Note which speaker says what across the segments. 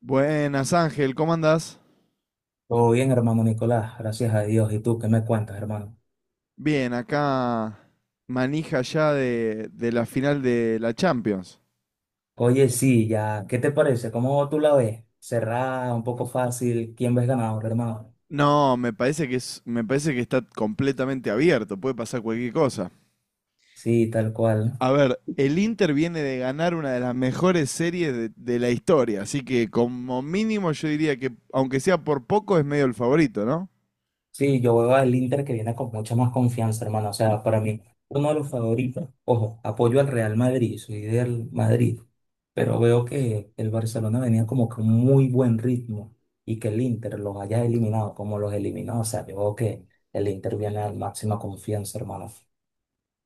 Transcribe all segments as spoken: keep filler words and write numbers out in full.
Speaker 1: Buenas, Ángel, ¿cómo andás?
Speaker 2: Todo bien, hermano Nicolás, gracias a Dios. ¿Y tú qué me cuentas, hermano?
Speaker 1: Bien, acá manija ya de, de la final de la Champions.
Speaker 2: Oye, sí, ya, ¿qué te parece? ¿Cómo tú la ves? Cerrada, un poco fácil. ¿Quién ves ganador, hermano?
Speaker 1: No, me parece que es, me parece que está completamente abierto, puede pasar cualquier cosa.
Speaker 2: Sí, tal cual.
Speaker 1: A ver, el Inter viene de ganar una de las mejores series de, de la historia, así que como mínimo yo diría que, aunque sea por poco, es medio el favorito, ¿no?
Speaker 2: Sí, yo veo al Inter que viene con mucha más confianza, hermano. O sea, para mí, uno de los favoritos. Ojo, apoyo al Real Madrid, soy del Madrid. Pero veo que el Barcelona venía como con muy buen ritmo y que el Inter los haya eliminado como los eliminó. O sea, yo veo que el Inter viene a la máxima confianza, hermano.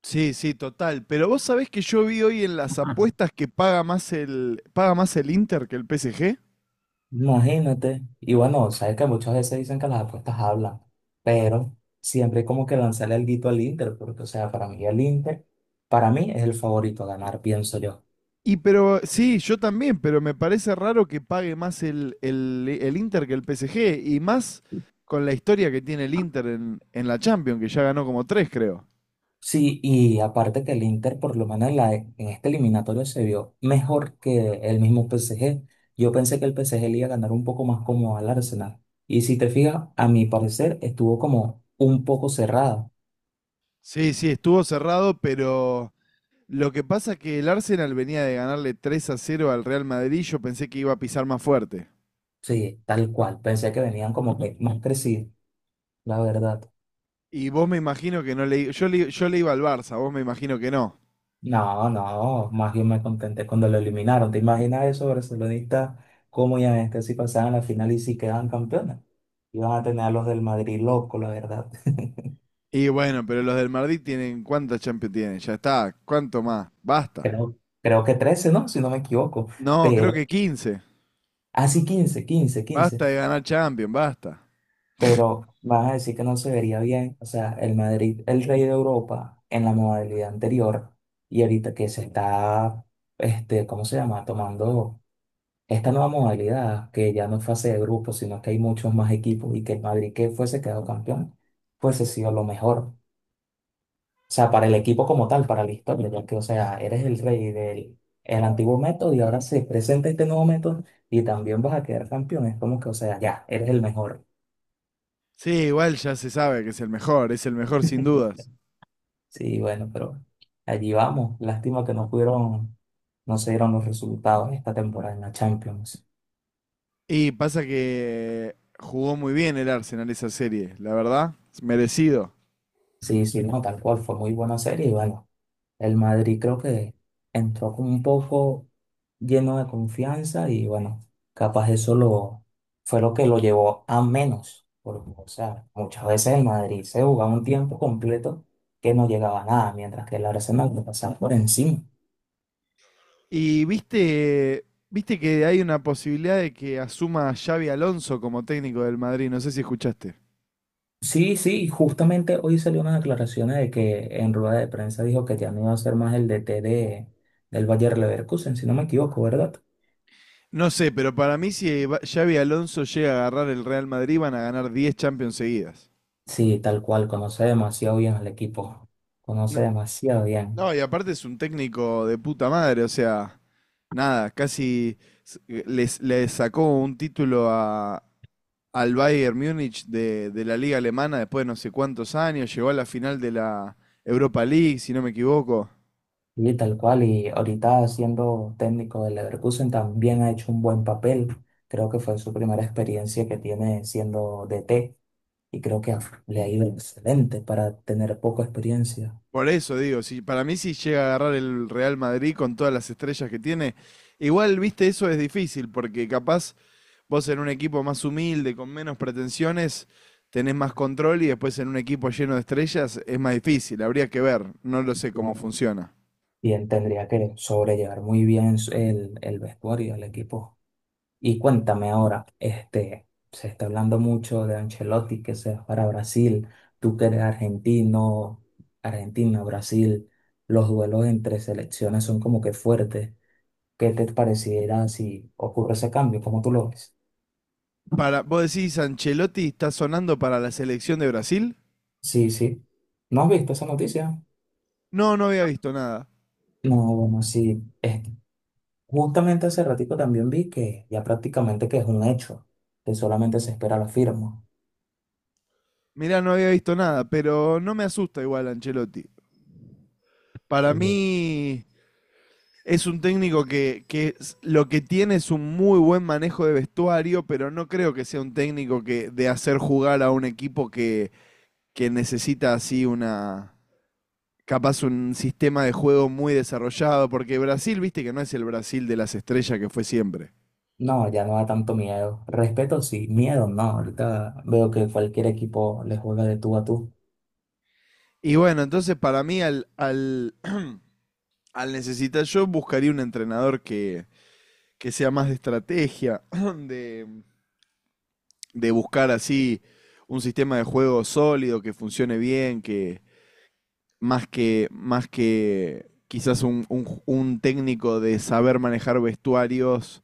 Speaker 1: Sí, sí, total. Pero vos sabés que yo vi hoy en las apuestas que paga más el, paga más el Inter que el P S G.
Speaker 2: Imagínate. Y bueno, sabes que muchas veces dicen que las apuestas hablan, pero siempre hay como que lanzarle el guito al Inter, porque, o sea, para mí el Inter, para mí es el favorito a ganar, pienso yo.
Speaker 1: Y pero, sí, yo también, pero me parece raro que pague más el, el, el Inter que el P S G, y más con la historia que tiene el Inter en, en la Champions, que ya ganó como tres, creo.
Speaker 2: Sí, y aparte que el Inter, por lo menos en, la, en este eliminatorio, se vio mejor que el mismo P S G. Yo pensé que el P S G le iba a ganar un poco más como al Arsenal. Y si te fijas, a mi parecer, estuvo como un poco cerrada.
Speaker 1: Sí, sí, estuvo cerrado, pero lo que pasa es que el Arsenal venía de ganarle tres a cero al Real Madrid, yo pensé que iba a pisar más fuerte.
Speaker 2: Sí, tal cual. Pensé que venían como que más crecidos, la verdad.
Speaker 1: Y vos me imagino que no le... Yo le, yo le iba al Barça, vos me imagino que no.
Speaker 2: No, no, más bien me contenté cuando lo eliminaron. ¿Te imaginas eso, barcelonistas, cómo ya este si pasaban la final y si quedaban campeones? Iban a tener a los del Madrid loco, la verdad.
Speaker 1: Y bueno, pero los del Madrid tienen... ¿Cuántas Champions tienen? Ya está, ¿cuánto más? Basta.
Speaker 2: Creo, creo que trece, ¿no? Si no me equivoco.
Speaker 1: No, creo
Speaker 2: Pero,
Speaker 1: que quince.
Speaker 2: así quince quince quince.
Speaker 1: Basta de ganar Champions, basta.
Speaker 2: Pero vas a decir que no se vería bien. O sea, el Madrid, el rey de Europa en la modalidad anterior y ahorita que se está, este, ¿cómo se llama? Tomando esta nueva modalidad, que ya no es fase de grupo, sino que hay muchos más equipos y que el Madrid que fuese quedado campeón, fuese sido lo mejor. O sea, para el equipo como tal, para la historia, ya que, o sea, eres el rey del el antiguo método y ahora se presenta este nuevo método y también vas a quedar campeón. Es como que, o sea, ya, eres el mejor.
Speaker 1: Sí, igual ya se sabe que es el mejor, es el mejor sin dudas.
Speaker 2: Sí, bueno, pero allí vamos. Lástima que no pudieron, no se dieron los resultados esta temporada en la Champions.
Speaker 1: Y pasa que jugó muy bien el Arsenal esa serie, la verdad, es merecido.
Speaker 2: Sí, sí, no, tal cual, fue muy buena serie y bueno. El Madrid creo que entró como un poco lleno de confianza y bueno, capaz eso lo, fue lo que lo llevó a menos. Porque, o sea, muchas veces el Madrid se jugaba un tiempo completo que no llegaba a nada, mientras que el Arsenal lo pasaba por encima.
Speaker 1: Y viste, viste que hay una posibilidad de que asuma a Xavi Alonso como técnico del Madrid, no sé si escuchaste.
Speaker 2: Sí, sí, justamente hoy salió unas declaraciones de que en rueda de prensa dijo que ya no iba a ser más el D T de, del Bayer Leverkusen, si no me equivoco, ¿verdad?
Speaker 1: No sé, pero para mí si va- Xavi Alonso llega a agarrar el Real Madrid van a ganar diez Champions seguidas.
Speaker 2: Sí, tal cual, conoce demasiado bien al equipo,
Speaker 1: No,
Speaker 2: conoce demasiado bien.
Speaker 1: no, y aparte es un técnico de puta madre, o sea, nada, casi s- les, le sacó un título a, al Bayern Múnich de, de la liga alemana después de no sé cuántos años, llegó a la final de la Europa League, si no me equivoco.
Speaker 2: Y tal cual, y ahorita siendo técnico del Leverkusen también ha hecho un buen papel. Creo que fue su primera experiencia que tiene siendo D T y creo que le ha ido excelente para tener poca experiencia.
Speaker 1: Por eso digo, si, para mí si llega a agarrar el Real Madrid con todas las estrellas que tiene, igual, viste, eso es difícil, porque capaz vos en un equipo más humilde, con menos pretensiones, tenés más control y después en un equipo lleno de estrellas es más difícil. Habría que ver, no lo sé cómo
Speaker 2: Claro.
Speaker 1: funciona.
Speaker 2: Y él tendría que sobrellevar muy bien su- el, el vestuario, el equipo. Y cuéntame ahora, este, se está hablando mucho de Ancelotti que se va para Brasil, tú que eres argentino, Argentina, Brasil, los duelos entre selecciones son como que fuertes. ¿Qué te pareciera si ocurre ese cambio? ¿Cómo tú lo ves?
Speaker 1: Para, vos decís, ¿Ancelotti está sonando para la selección de Brasil?
Speaker 2: Sí, sí. ¿No has visto esa noticia?
Speaker 1: No, no había visto nada.
Speaker 2: No, bueno, sí. Es- justamente hace ratico también vi que ya prácticamente que es un hecho, que solamente se espera la firma.
Speaker 1: Mirá, no había visto nada, pero no me asusta igual Ancelotti. Para
Speaker 2: Oye.
Speaker 1: mí es un técnico que, que lo que tiene es un muy buen manejo de vestuario, pero no creo que sea un técnico que de hacer jugar a un equipo que, que necesita así una, capaz un sistema de juego muy desarrollado, porque Brasil, viste que no es el Brasil de las estrellas que fue siempre.
Speaker 2: No, ya no da tanto miedo. Respeto sí, miedo no. Ahorita veo que cualquier equipo le juega de tú a tú.
Speaker 1: Y bueno, entonces para mí al, al, al necesitar yo buscaría un entrenador que, que sea más de estrategia, de, de buscar así un sistema de juego sólido, que funcione bien, que, más que, más que quizás un, un un técnico de saber manejar vestuarios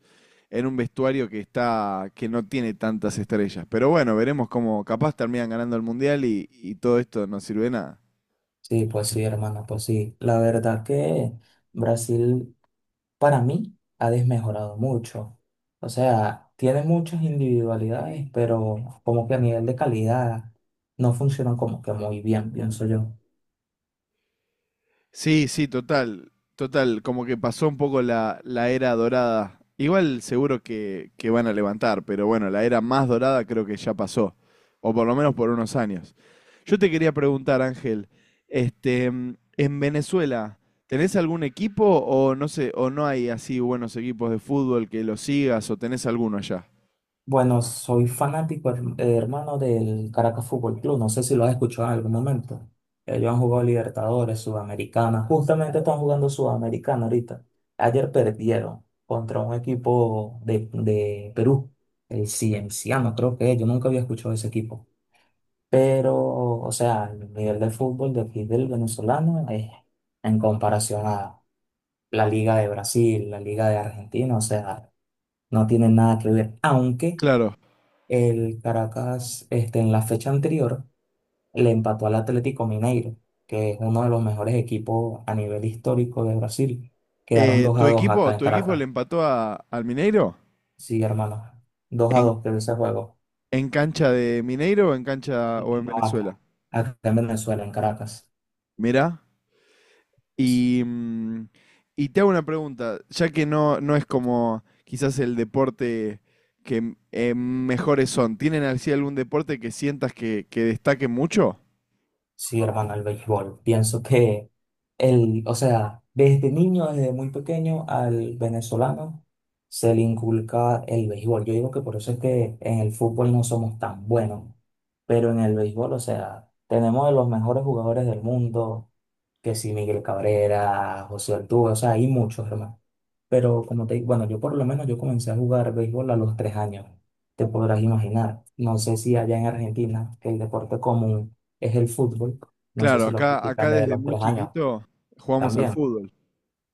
Speaker 1: en un vestuario que está, que no tiene tantas estrellas. Pero bueno, veremos cómo capaz terminan ganando el Mundial y, y todo esto no sirve de nada.
Speaker 2: Sí, pues sí, hermano, pues sí. La verdad que Brasil para mí ha desmejorado mucho. O sea, tiene muchas individualidades, pero como que a nivel de calidad no funciona como que muy bien, pienso yo.
Speaker 1: Sí, sí, total, total, como que pasó un poco la, la era dorada. Igual seguro que, que van a levantar, pero bueno, la era más dorada creo que ya pasó, o por lo menos por unos años. Yo te quería preguntar, Ángel, este, mm, en Venezuela, ¿tenés algún equipo o no sé, o no hay así buenos equipos de fútbol que los sigas o tenés alguno allá?
Speaker 2: Bueno, soy fanático, her- eh, hermano, del Caracas Fútbol Club. No sé si lo has escuchado en algún momento. Ellos han jugado Libertadores, Sudamericana. Justamente están jugando Sudamericana ahorita. Ayer perdieron contra un equipo de, de Perú, el Cienciano, creo que es. Yo nunca había escuchado ese equipo. Pero, o sea, el nivel de fútbol de aquí del venezolano es en comparación a la Liga de Brasil, la Liga de Argentina, o sea, no tienen nada que ver. Aunque
Speaker 1: Claro.
Speaker 2: el Caracas, este, en la fecha anterior, le empató al Atlético Mineiro, que es uno de los mejores equipos a nivel histórico de Brasil. Quedaron
Speaker 1: Eh,
Speaker 2: dos a
Speaker 1: ¿tu
Speaker 2: dos
Speaker 1: equipo,
Speaker 2: acá en
Speaker 1: tu equipo le
Speaker 2: Caracas.
Speaker 1: empató a- al Mineiro?
Speaker 2: Sí, hermano. Dos a
Speaker 1: ¿En,
Speaker 2: dos quedó ese juego.
Speaker 1: en cancha de Mineiro o en cancha o en
Speaker 2: No,
Speaker 1: Venezuela?
Speaker 2: acá. Acá en Venezuela, en Caracas.
Speaker 1: Mirá. Y, mm, y te hago una pregunta, ya que no, no es como quizás el deporte que m- eh, mejores son, ¿tienen así algún deporte que sientas que, que destaque mucho?
Speaker 2: Sí, hermano, el béisbol. Pienso que el, o sea, desde niño, desde muy pequeño, al venezolano se le inculca el béisbol. Yo digo que por eso es que en el fútbol no somos tan buenos, pero en el béisbol, o sea, tenemos de los mejores jugadores del mundo, que si Miguel Cabrera, José Altuve, o sea, hay muchos, hermano. Pero como te digo, bueno, yo por lo menos yo comencé a jugar béisbol a los tres años, te podrás imaginar. No sé si allá en Argentina, que el deporte común es el fútbol. No sé
Speaker 1: Claro,
Speaker 2: si lo
Speaker 1: acá,
Speaker 2: practican
Speaker 1: acá
Speaker 2: desde
Speaker 1: desde
Speaker 2: los
Speaker 1: muy
Speaker 2: tres años
Speaker 1: chiquito jugamos al
Speaker 2: también.
Speaker 1: fútbol.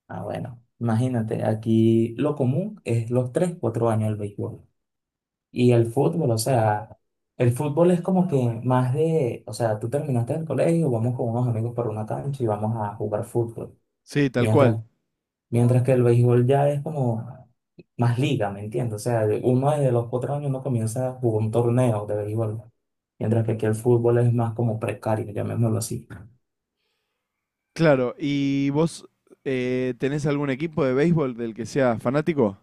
Speaker 2: Ah, bueno, imagínate, aquí lo común es los tres, cuatro años el béisbol. Y el fútbol, o sea, el fútbol es como que más de, o sea, tú terminaste el colegio, vamos con unos amigos por una cancha y vamos a jugar fútbol.
Speaker 1: Sí, tal cual.
Speaker 2: Mientras, mientras que el béisbol ya es como más liga, ¿me entiendes? O sea, uno desde los cuatro años uno comienza a jugar un torneo de béisbol. Mientras que aquí el fútbol es más como precario, llamémoslo así.
Speaker 1: Claro, ¿y vos eh, tenés algún equipo de béisbol del que seas fanático?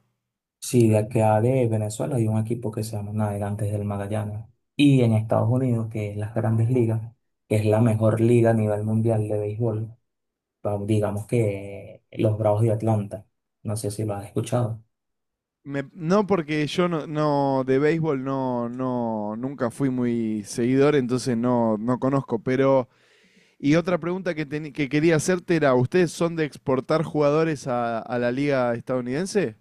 Speaker 2: Sí, de acá de Venezuela hay un equipo que se llama Navegantes del Magallanes. Y en Estados Unidos, que es las Grandes Ligas, que es la mejor liga a nivel mundial de béisbol, pa- digamos que los Bravos de Atlanta. No sé si lo has escuchado.
Speaker 1: Me- no, porque yo no, no de béisbol no, no, nunca fui muy seguidor, entonces no, no conozco, pero y otra pregunta que, teni- que quería hacerte era, ¿ustedes son de exportar jugadores a, a la liga estadounidense?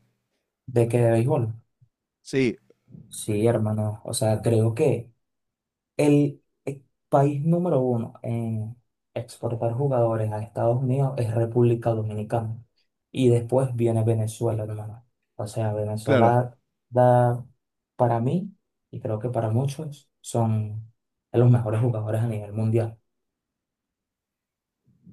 Speaker 2: ¿De qué, de béisbol?
Speaker 1: Sí,
Speaker 2: Sí, hermano. O sea, creo que El eh, país número uno en exportar jugadores a Estados Unidos es República Dominicana. Y después viene Venezuela, hermano. O sea,
Speaker 1: claro.
Speaker 2: Venezuela da, para mí, y creo que para muchos, son de los mejores jugadores a nivel mundial.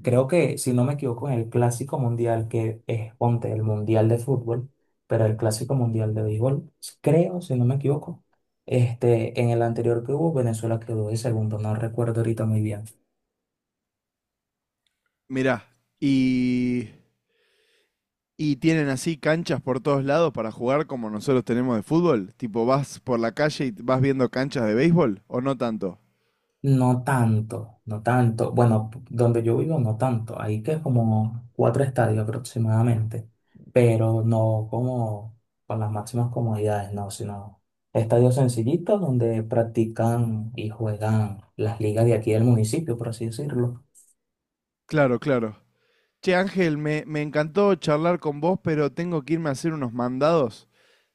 Speaker 2: Creo que, si no me equivoco, en el Clásico Mundial, que es, ponte, el Mundial de fútbol, pero el Clásico Mundial de béisbol, creo, si no me equivoco, este, en el anterior que hubo, Venezuela quedó de segundo, no recuerdo ahorita muy bien.
Speaker 1: Mirá, y, y tienen así canchas por todos lados para jugar como nosotros tenemos de fútbol. Tipo, vas por la calle y vas viendo canchas de béisbol, ¿o no tanto?
Speaker 2: No tanto, no tanto. Bueno, p- donde yo vivo no tanto. Ahí que es como cuatro estadios aproximadamente, pero no como con las máximas comodidades, no, sino estadios sencillitos donde practican y juegan las ligas de aquí del municipio, por así decirlo.
Speaker 1: Claro, claro. Che, Ángel, me, me encantó charlar con vos, pero tengo que irme a hacer unos mandados.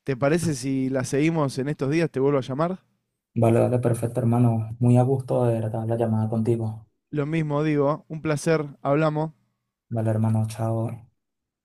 Speaker 1: ¿Te parece si la seguimos en estos días? ¿Te vuelvo a llamar?
Speaker 2: Vale, vale, perfecto, hermano. Muy a gusto de verdad la llamada contigo.
Speaker 1: Lo mismo digo, un placer, hablamos.
Speaker 2: Vale, hermano, chao.